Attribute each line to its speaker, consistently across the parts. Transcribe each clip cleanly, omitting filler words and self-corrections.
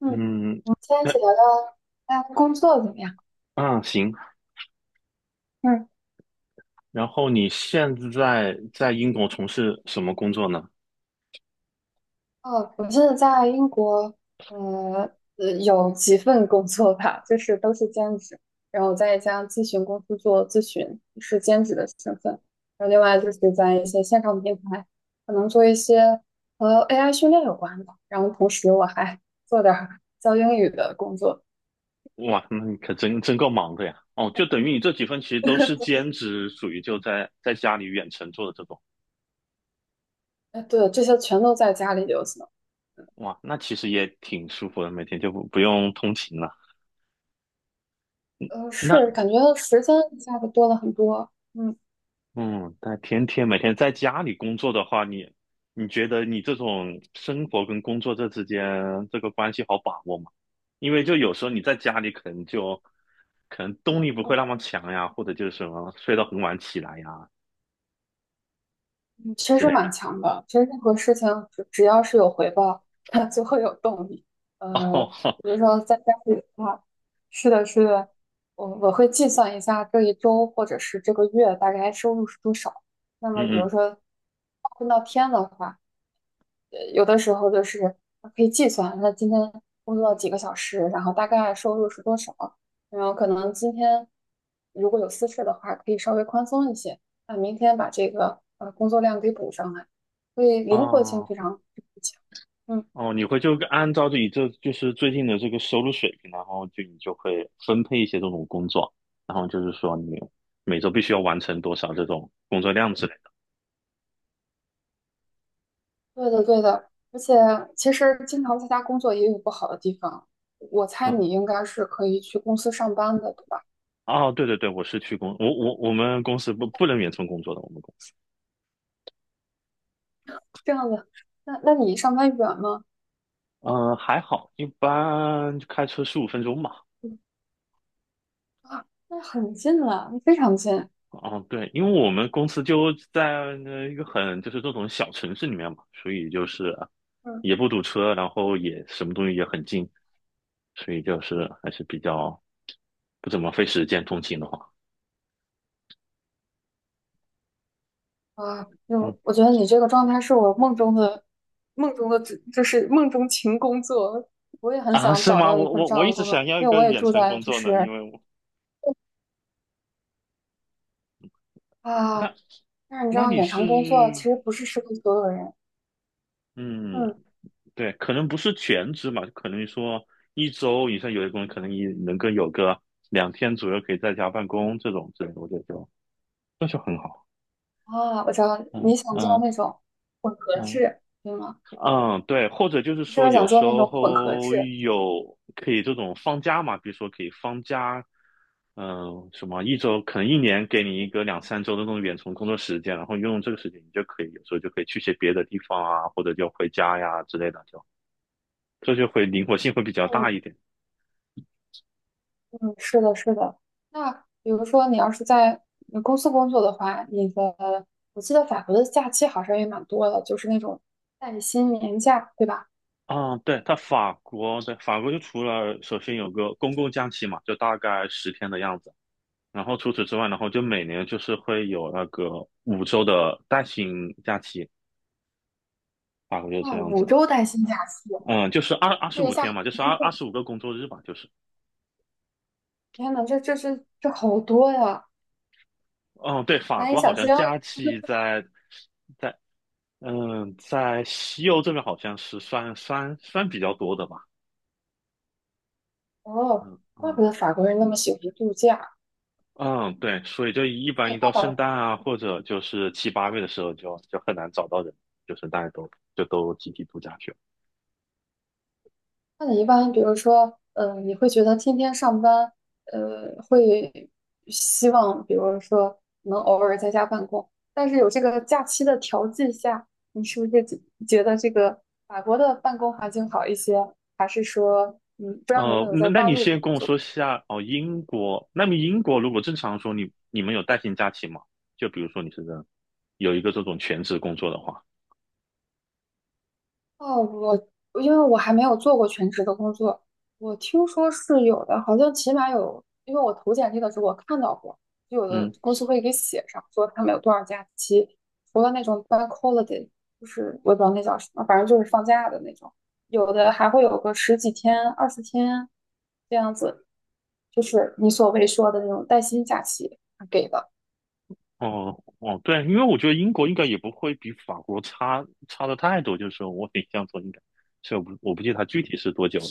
Speaker 1: 嗯，
Speaker 2: 嗯，
Speaker 1: 我们今天一
Speaker 2: 那
Speaker 1: 起聊聊大家工作怎么样？
Speaker 2: 啊行。
Speaker 1: 嗯，
Speaker 2: 然后你现在在英国从事什么工作呢？
Speaker 1: 哦，我记得在英国，呃，呃有几份工作吧，就是都是兼职。然后在一家咨询公司做咨询，是兼职的身份。然后另外就是在一些线上平台，可能做一些和 AI 训练有关的。然后同时我还 做点儿教英语的工作。
Speaker 2: 哇，那你可真够忙的呀！哦，就等于你这几份其实都是 兼职，属于就在家里远程做的这种。
Speaker 1: 哎，对，这些全都在家里就行。
Speaker 2: 哇，那其实也挺舒服的，每天就不用通勤了。那
Speaker 1: 是感觉时间一下子多了很多。嗯。
Speaker 2: 嗯，但每天在家里工作的话，你觉得你这种生活跟工作这之间这个关系好把握吗？因为就有时候你在家里可能动力不会那么强呀，或者就是什么睡到很晚起来呀
Speaker 1: 嗯，确
Speaker 2: 之
Speaker 1: 实
Speaker 2: 类
Speaker 1: 蛮
Speaker 2: 的。
Speaker 1: 强的。其实任何事情只要是有回报，它就会有动力。呃，
Speaker 2: 哦，
Speaker 1: 比如说在家里的话，是的，是的，我会计算一下这一周或者是这个月大概收入是多少。那么，比
Speaker 2: 嗯
Speaker 1: 如
Speaker 2: 嗯，
Speaker 1: 说划分到天的话。有的时候就是可以计算，那今天工作几个小时，然后大概收入是多少，然后可能今天如果有私事的话，可以稍微宽松一些，那明天把这个工作量给补上来，所以灵活性
Speaker 2: 哦
Speaker 1: 非常非常强。嗯，
Speaker 2: 哦，你会就按照自己这就是最近的这个收入水平，然后就你就会分配一些这种工作，然后就是说你每周必须要完成多少这种工作量之类的。
Speaker 1: 对的对的，而且其实经常在家工作也有不好的地方，我猜你
Speaker 2: 嗯。
Speaker 1: 应该是可以去公司上班的，对吧？
Speaker 2: 哦，对对对，我我们公司不能远程工作的，我们公司，
Speaker 1: 这样子，那你上班远吗？
Speaker 2: 嗯、还好，一般就开车十五分钟吧。
Speaker 1: 嗯啊，那很近了，非常近。
Speaker 2: 啊，对，因为我们公司就在那一个很就是这种小城市里面嘛，所以就是
Speaker 1: 嗯
Speaker 2: 也不堵车，然后也什么东西也很近，所以就是还是比较不怎么费时间通勤的话，
Speaker 1: 啊，
Speaker 2: 嗯
Speaker 1: 就我觉得你这个状态是我梦中的，就是梦中情工作。我也很
Speaker 2: 啊，
Speaker 1: 想
Speaker 2: 是
Speaker 1: 找
Speaker 2: 吗？
Speaker 1: 到一
Speaker 2: 我
Speaker 1: 份
Speaker 2: 我
Speaker 1: 这
Speaker 2: 我
Speaker 1: 样
Speaker 2: 一
Speaker 1: 的
Speaker 2: 直
Speaker 1: 工作，
Speaker 2: 想要一
Speaker 1: 因为
Speaker 2: 个
Speaker 1: 我也
Speaker 2: 远
Speaker 1: 住
Speaker 2: 程
Speaker 1: 在
Speaker 2: 工
Speaker 1: 就
Speaker 2: 作呢，
Speaker 1: 是
Speaker 2: 因为我
Speaker 1: 啊，
Speaker 2: 那
Speaker 1: 但是你知
Speaker 2: 那
Speaker 1: 道
Speaker 2: 你
Speaker 1: 远程工作其
Speaker 2: 是
Speaker 1: 实不是适合所有人。
Speaker 2: 嗯。
Speaker 1: 嗯
Speaker 2: 对，可能不是全职嘛，可能说一周以上有的工人可能你能够有个两天左右可以在家办公这种之类的我觉得就那就很好。
Speaker 1: 啊，我知道
Speaker 2: 嗯
Speaker 1: 你想做
Speaker 2: 嗯
Speaker 1: 那种合
Speaker 2: 嗯
Speaker 1: 制，对吗？
Speaker 2: 嗯，对，或者就是
Speaker 1: 你是不
Speaker 2: 说
Speaker 1: 是想
Speaker 2: 有
Speaker 1: 做
Speaker 2: 时
Speaker 1: 那种混合
Speaker 2: 候
Speaker 1: 制？
Speaker 2: 有可以这种放假嘛，比如说可以放假，嗯、什么一周可能一年给你一个两三周的那种远程工作时间，然后用这个时间你就可以有时候就可以去些别的地方啊，或者就回家呀之类的，就这就会灵活性会比较
Speaker 1: 嗯
Speaker 2: 大一点。
Speaker 1: 嗯，是的，是的。那比如说你要是在公司工作的话，你的我记得法国的假期好像也蛮多的，就是那种带薪年假，对吧？
Speaker 2: 啊，对，它法国，对，法国就除了首先有个公共假期嘛，就大概十天的样子，除此之外就每年就是会有那个五周的带薪假期，法国就
Speaker 1: 啊，
Speaker 2: 这样
Speaker 1: 五
Speaker 2: 子，
Speaker 1: 周带薪假期，
Speaker 2: 嗯，就是二二十
Speaker 1: 这一
Speaker 2: 五
Speaker 1: 下，
Speaker 2: 天嘛，就是二十五个工作日吧，就是，
Speaker 1: 天呐，这好多呀，
Speaker 2: 嗯，对，法
Speaker 1: 难以
Speaker 2: 国好
Speaker 1: 想
Speaker 2: 像
Speaker 1: 象
Speaker 2: 假期在嗯在西欧这边好像是算比较多的吧，
Speaker 1: 哦。
Speaker 2: 嗯
Speaker 1: 怪
Speaker 2: 嗯
Speaker 1: 不得法国人那么喜欢度假。
Speaker 2: 嗯，对，所以就一般
Speaker 1: 那
Speaker 2: 一到
Speaker 1: 那倒
Speaker 2: 圣
Speaker 1: 是。
Speaker 2: 诞啊，或者就是七八月的时候就，就很难找到人，就是大家都就都集体度假去了。
Speaker 1: 那你一般，比如说，你会觉得天天上班，会希望，比如说能偶尔在家办公，但是有这个假期的调剂下，你是不是觉得这个法国的办公环境好一些？还是说，嗯，不知道你有没
Speaker 2: 哦、
Speaker 1: 有
Speaker 2: 那
Speaker 1: 在
Speaker 2: 那
Speaker 1: 大
Speaker 2: 你
Speaker 1: 陆
Speaker 2: 先
Speaker 1: 工
Speaker 2: 跟我
Speaker 1: 作？
Speaker 2: 说下哦，英国，那么英国如果正常说你们有带薪假期吗？就比如说你是有一个这种全职工作的话，
Speaker 1: 哦，因为我还没有做过全职的工作，我听说是有的，好像起码有，因为我投简历的时候我看到过，就有的
Speaker 2: 嗯，
Speaker 1: 公司会给写上，说他们有多少假期，除了那种 bank holiday，就是我也不知道那叫什么，反正就是放假的那种，有的还会有个十几天、20天这样子，就是你所谓说的那种带薪假期给的。
Speaker 2: 哦哦，对，因为我觉得英国应该也不会比法国差的太多，就是我印象中应该，所以我不记得它具体是多久了。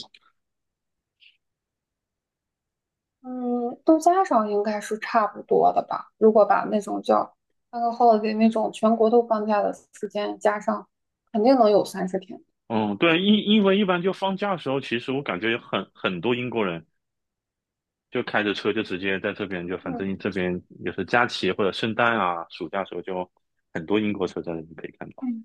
Speaker 1: 嗯，都加上应该是差不多的吧。如果把那种叫那个 holiday 那种全国都放假的时间加上，肯定能有30天。
Speaker 2: 嗯，对，因因为一般就放假的时候，其实我感觉有很多英国人就开着车就直接在这边，就反
Speaker 1: 嗯，
Speaker 2: 正这边也是假期或者圣诞啊、暑假的时候，就很多英国车在那边可以看到。
Speaker 1: 嗯，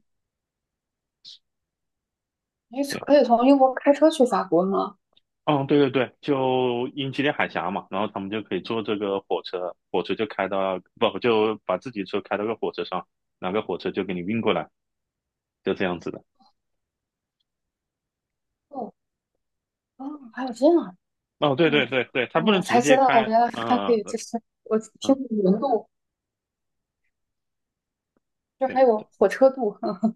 Speaker 1: 也许
Speaker 2: 对，
Speaker 1: 可以从英国开车去法国吗？
Speaker 2: 嗯，对对对，就英吉利海峡嘛，然后他们就可以坐这个火车，火车就开到，不，就把自己车开到个火车上，哪个火车就给你运过来，就这样子的。
Speaker 1: 哦，哦，还有这样啊。
Speaker 2: 哦，对对
Speaker 1: 嗯
Speaker 2: 对对，它不
Speaker 1: 哦，
Speaker 2: 能
Speaker 1: 我
Speaker 2: 直
Speaker 1: 才知
Speaker 2: 接
Speaker 1: 道
Speaker 2: 开，
Speaker 1: 原来还可
Speaker 2: 嗯
Speaker 1: 以，
Speaker 2: 嗯。
Speaker 1: 就是我听
Speaker 2: 嗯
Speaker 1: 过轮渡，就
Speaker 2: 对。
Speaker 1: 还有火车渡。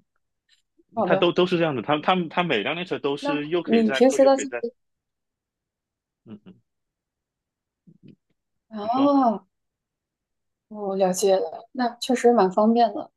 Speaker 1: 好
Speaker 2: 他都
Speaker 1: 的，
Speaker 2: 都是这样的，他每辆列车都是
Speaker 1: 那
Speaker 2: 又可以
Speaker 1: 你
Speaker 2: 载
Speaker 1: 平
Speaker 2: 客
Speaker 1: 时
Speaker 2: 又
Speaker 1: 的
Speaker 2: 可以载，嗯嗯，
Speaker 1: 啊，
Speaker 2: 你说，
Speaker 1: 哦，哦了解了，那确实蛮方便的。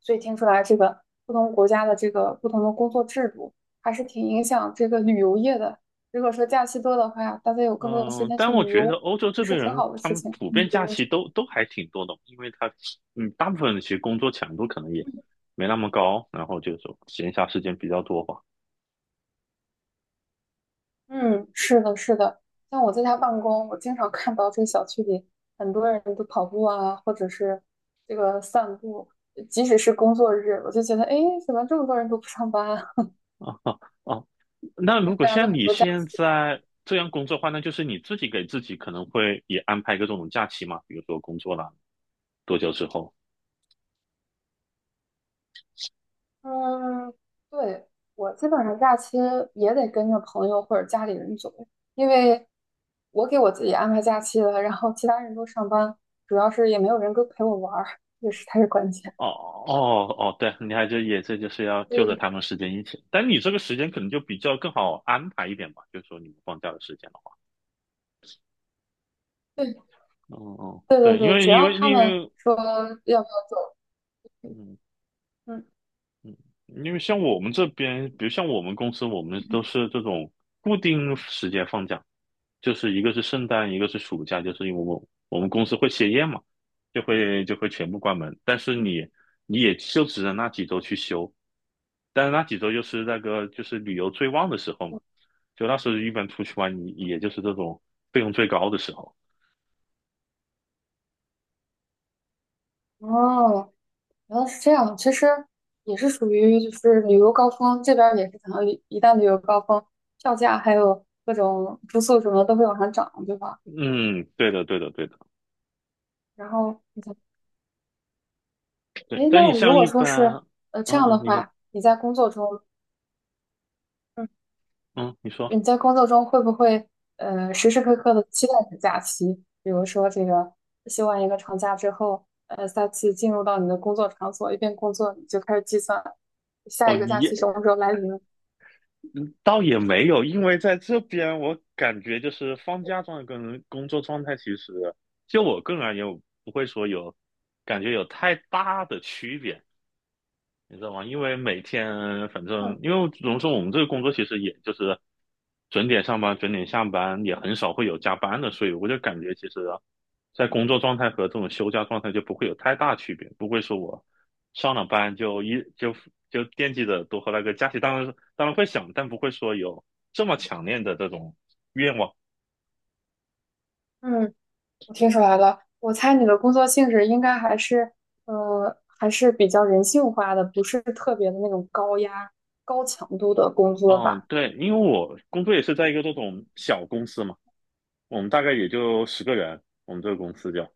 Speaker 1: 所以听出来这个不同国家的这个不同的工作制度，还是挺影响这个旅游业的。如果说假期多的话，大家有更多的时
Speaker 2: 嗯，
Speaker 1: 间
Speaker 2: 但
Speaker 1: 去
Speaker 2: 我
Speaker 1: 旅
Speaker 2: 觉得
Speaker 1: 游，
Speaker 2: 欧洲
Speaker 1: 也
Speaker 2: 这
Speaker 1: 是
Speaker 2: 边
Speaker 1: 挺
Speaker 2: 人
Speaker 1: 好的
Speaker 2: 他
Speaker 1: 事
Speaker 2: 们
Speaker 1: 情。
Speaker 2: 普
Speaker 1: 嗯，
Speaker 2: 遍假期都还挺多的，因为他嗯大部分人其实工作强度可能也没那么高，然后就是说闲暇时间比较多吧。
Speaker 1: 嗯，是的，是的。像我在家办公，我经常看到这个小区里很多人都跑步啊，或者是这个散步。即使是工作日，我就觉得，哎，诶怎么这么多人都不上班啊？
Speaker 2: 啊哦，那如 果
Speaker 1: 大家都
Speaker 2: 像
Speaker 1: 很
Speaker 2: 你
Speaker 1: 多假
Speaker 2: 现在这样工作的话，那就是你自己给自己可能会也安排一个这种假期嘛，比如说工作了多久之后。
Speaker 1: 嗯，对，我基本上假期也得跟着朋友或者家里人走，因为我给我自己安排假期了，然后其他人都上班，主要是也没有人跟陪我玩儿，这个才是关键。
Speaker 2: 哦哦哦，对，你还就也这就是要
Speaker 1: 所
Speaker 2: 就着
Speaker 1: 以，
Speaker 2: 他们时间一起，但你这个时间可能就比较更好安排一点吧，就是说你们放假的时间的话，
Speaker 1: 对
Speaker 2: 嗯嗯，
Speaker 1: 对对
Speaker 2: 对，因
Speaker 1: 对，
Speaker 2: 为
Speaker 1: 只
Speaker 2: 因
Speaker 1: 要
Speaker 2: 为
Speaker 1: 他
Speaker 2: 因
Speaker 1: 们
Speaker 2: 为
Speaker 1: 说要不要走，
Speaker 2: 嗯
Speaker 1: 嗯，
Speaker 2: 嗯，因为像我们这边，比如像我们公司，我们都是这种固定时间放假，就是一个是圣诞，一个是暑假，就是因为我们公司会歇业嘛，就会全部关门，但是你也就只能那几周去休，但是那几周就是那个就是旅游最旺的时候嘛，就那时候一般出去玩，你也就是这种费用最高的时候。
Speaker 1: 哦，原来是这样，其实也是属于就是旅游高峰，这边儿也是可能一旦旅游高峰，票价还有各种住宿什么都会往上涨，对吧？
Speaker 2: 嗯，对的，对的，对的，
Speaker 1: 然后你
Speaker 2: 对。
Speaker 1: 哎，
Speaker 2: 但你
Speaker 1: 那如
Speaker 2: 像
Speaker 1: 果
Speaker 2: 一
Speaker 1: 说是
Speaker 2: 般，嗯
Speaker 1: 这样
Speaker 2: 嗯，
Speaker 1: 的
Speaker 2: 你说，
Speaker 1: 话，你在工作中，嗯，
Speaker 2: 嗯，你说，
Speaker 1: 你在工作中会不会时时刻刻的期待着假期？比如说这个休完一个长假之后，再次进入到你的工作场所，一边工作你就开始计算
Speaker 2: 哦，
Speaker 1: 下一个假
Speaker 2: 也
Speaker 1: 期什么时候来临。
Speaker 2: 倒也没有，因为在这边我感觉就是放假状态跟工作状态，其实就我个人而言，我不会说有感觉有太大的区别。你知道吗？因为每天反
Speaker 1: 嗯
Speaker 2: 正，因为怎么说，我们这个工作其实也就是准点上班、准点下班，也很少会有加班的，所以我就感觉其实，在工作状态和这种休假状态就不会有太大区别，不会说我上了班就一就就惦记着多喝那个假期，当然会想，但不会说有这么强烈的这种愿望。
Speaker 1: 嗯，我听出来了，我猜你的工作性质应该还是比较人性化的，不是特别的那种高压、高强度的工作
Speaker 2: 嗯，
Speaker 1: 吧？
Speaker 2: 对，因为我工作也是在一个这种小公司嘛，我们大概也就十个人，我们这个公司就。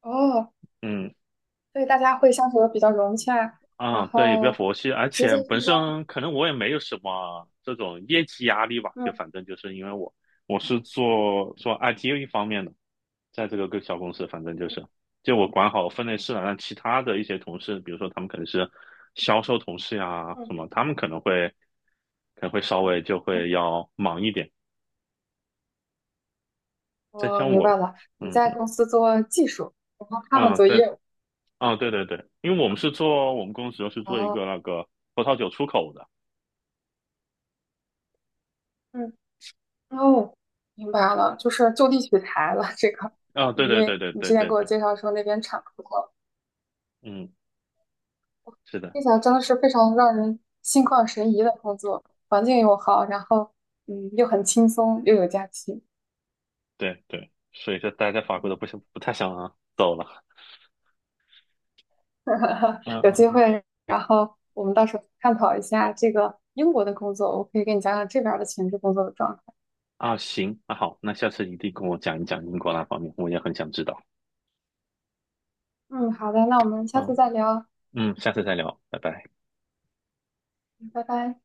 Speaker 1: 哦，
Speaker 2: 嗯，
Speaker 1: 所以大家会相处的比较融洽，然
Speaker 2: 啊，对，比较
Speaker 1: 后
Speaker 2: 佛系，而
Speaker 1: 职
Speaker 2: 且
Speaker 1: 责
Speaker 2: 本
Speaker 1: 分工，
Speaker 2: 身可能我也没有什么这种业绩压力吧，就
Speaker 1: 嗯
Speaker 2: 反正就是因为我我是做 IT 方面的，在这个小公司，反正就是就我管好分内事了，让其他的一些同事，比如说他们可能是销售同事呀什
Speaker 1: 嗯
Speaker 2: 么，他们可能会稍
Speaker 1: 嗯，
Speaker 2: 微就
Speaker 1: 嗯，
Speaker 2: 会要忙一点，再
Speaker 1: 我
Speaker 2: 像
Speaker 1: 明
Speaker 2: 我，
Speaker 1: 白了，你
Speaker 2: 嗯
Speaker 1: 在
Speaker 2: 嗯
Speaker 1: 公司做技术，然后他们
Speaker 2: 啊
Speaker 1: 做
Speaker 2: 对
Speaker 1: 业务，
Speaker 2: 啊对对对，因为我们公司是做一
Speaker 1: 哦，
Speaker 2: 个那个葡萄酒出口的
Speaker 1: 嗯哦，明白了，就是就地取材了这个，
Speaker 2: 啊，对
Speaker 1: 因
Speaker 2: 对对
Speaker 1: 为
Speaker 2: 对
Speaker 1: 你
Speaker 2: 对
Speaker 1: 之前
Speaker 2: 对
Speaker 1: 给我
Speaker 2: 对。
Speaker 1: 介绍说那边产葡萄，
Speaker 2: 嗯是的，
Speaker 1: 听起来真的是非常让人心旷神怡的工作，环境又好，然后又很轻松又有假期，
Speaker 2: 对对，所以说待在法国
Speaker 1: 嗯
Speaker 2: 都不太想走了。嗯
Speaker 1: 有
Speaker 2: 嗯
Speaker 1: 机
Speaker 2: 嗯
Speaker 1: 会，然后我们到时候探讨一下这个英国的工作，我可以给你讲讲这边儿的前置工作的状态。
Speaker 2: 啊，行，那好，那下次一定跟我讲一讲英国那方面，我也很想知道。
Speaker 1: 嗯，好的，那我们下
Speaker 2: 好，
Speaker 1: 次再聊，
Speaker 2: 嗯，下次再聊，拜拜。
Speaker 1: 拜拜。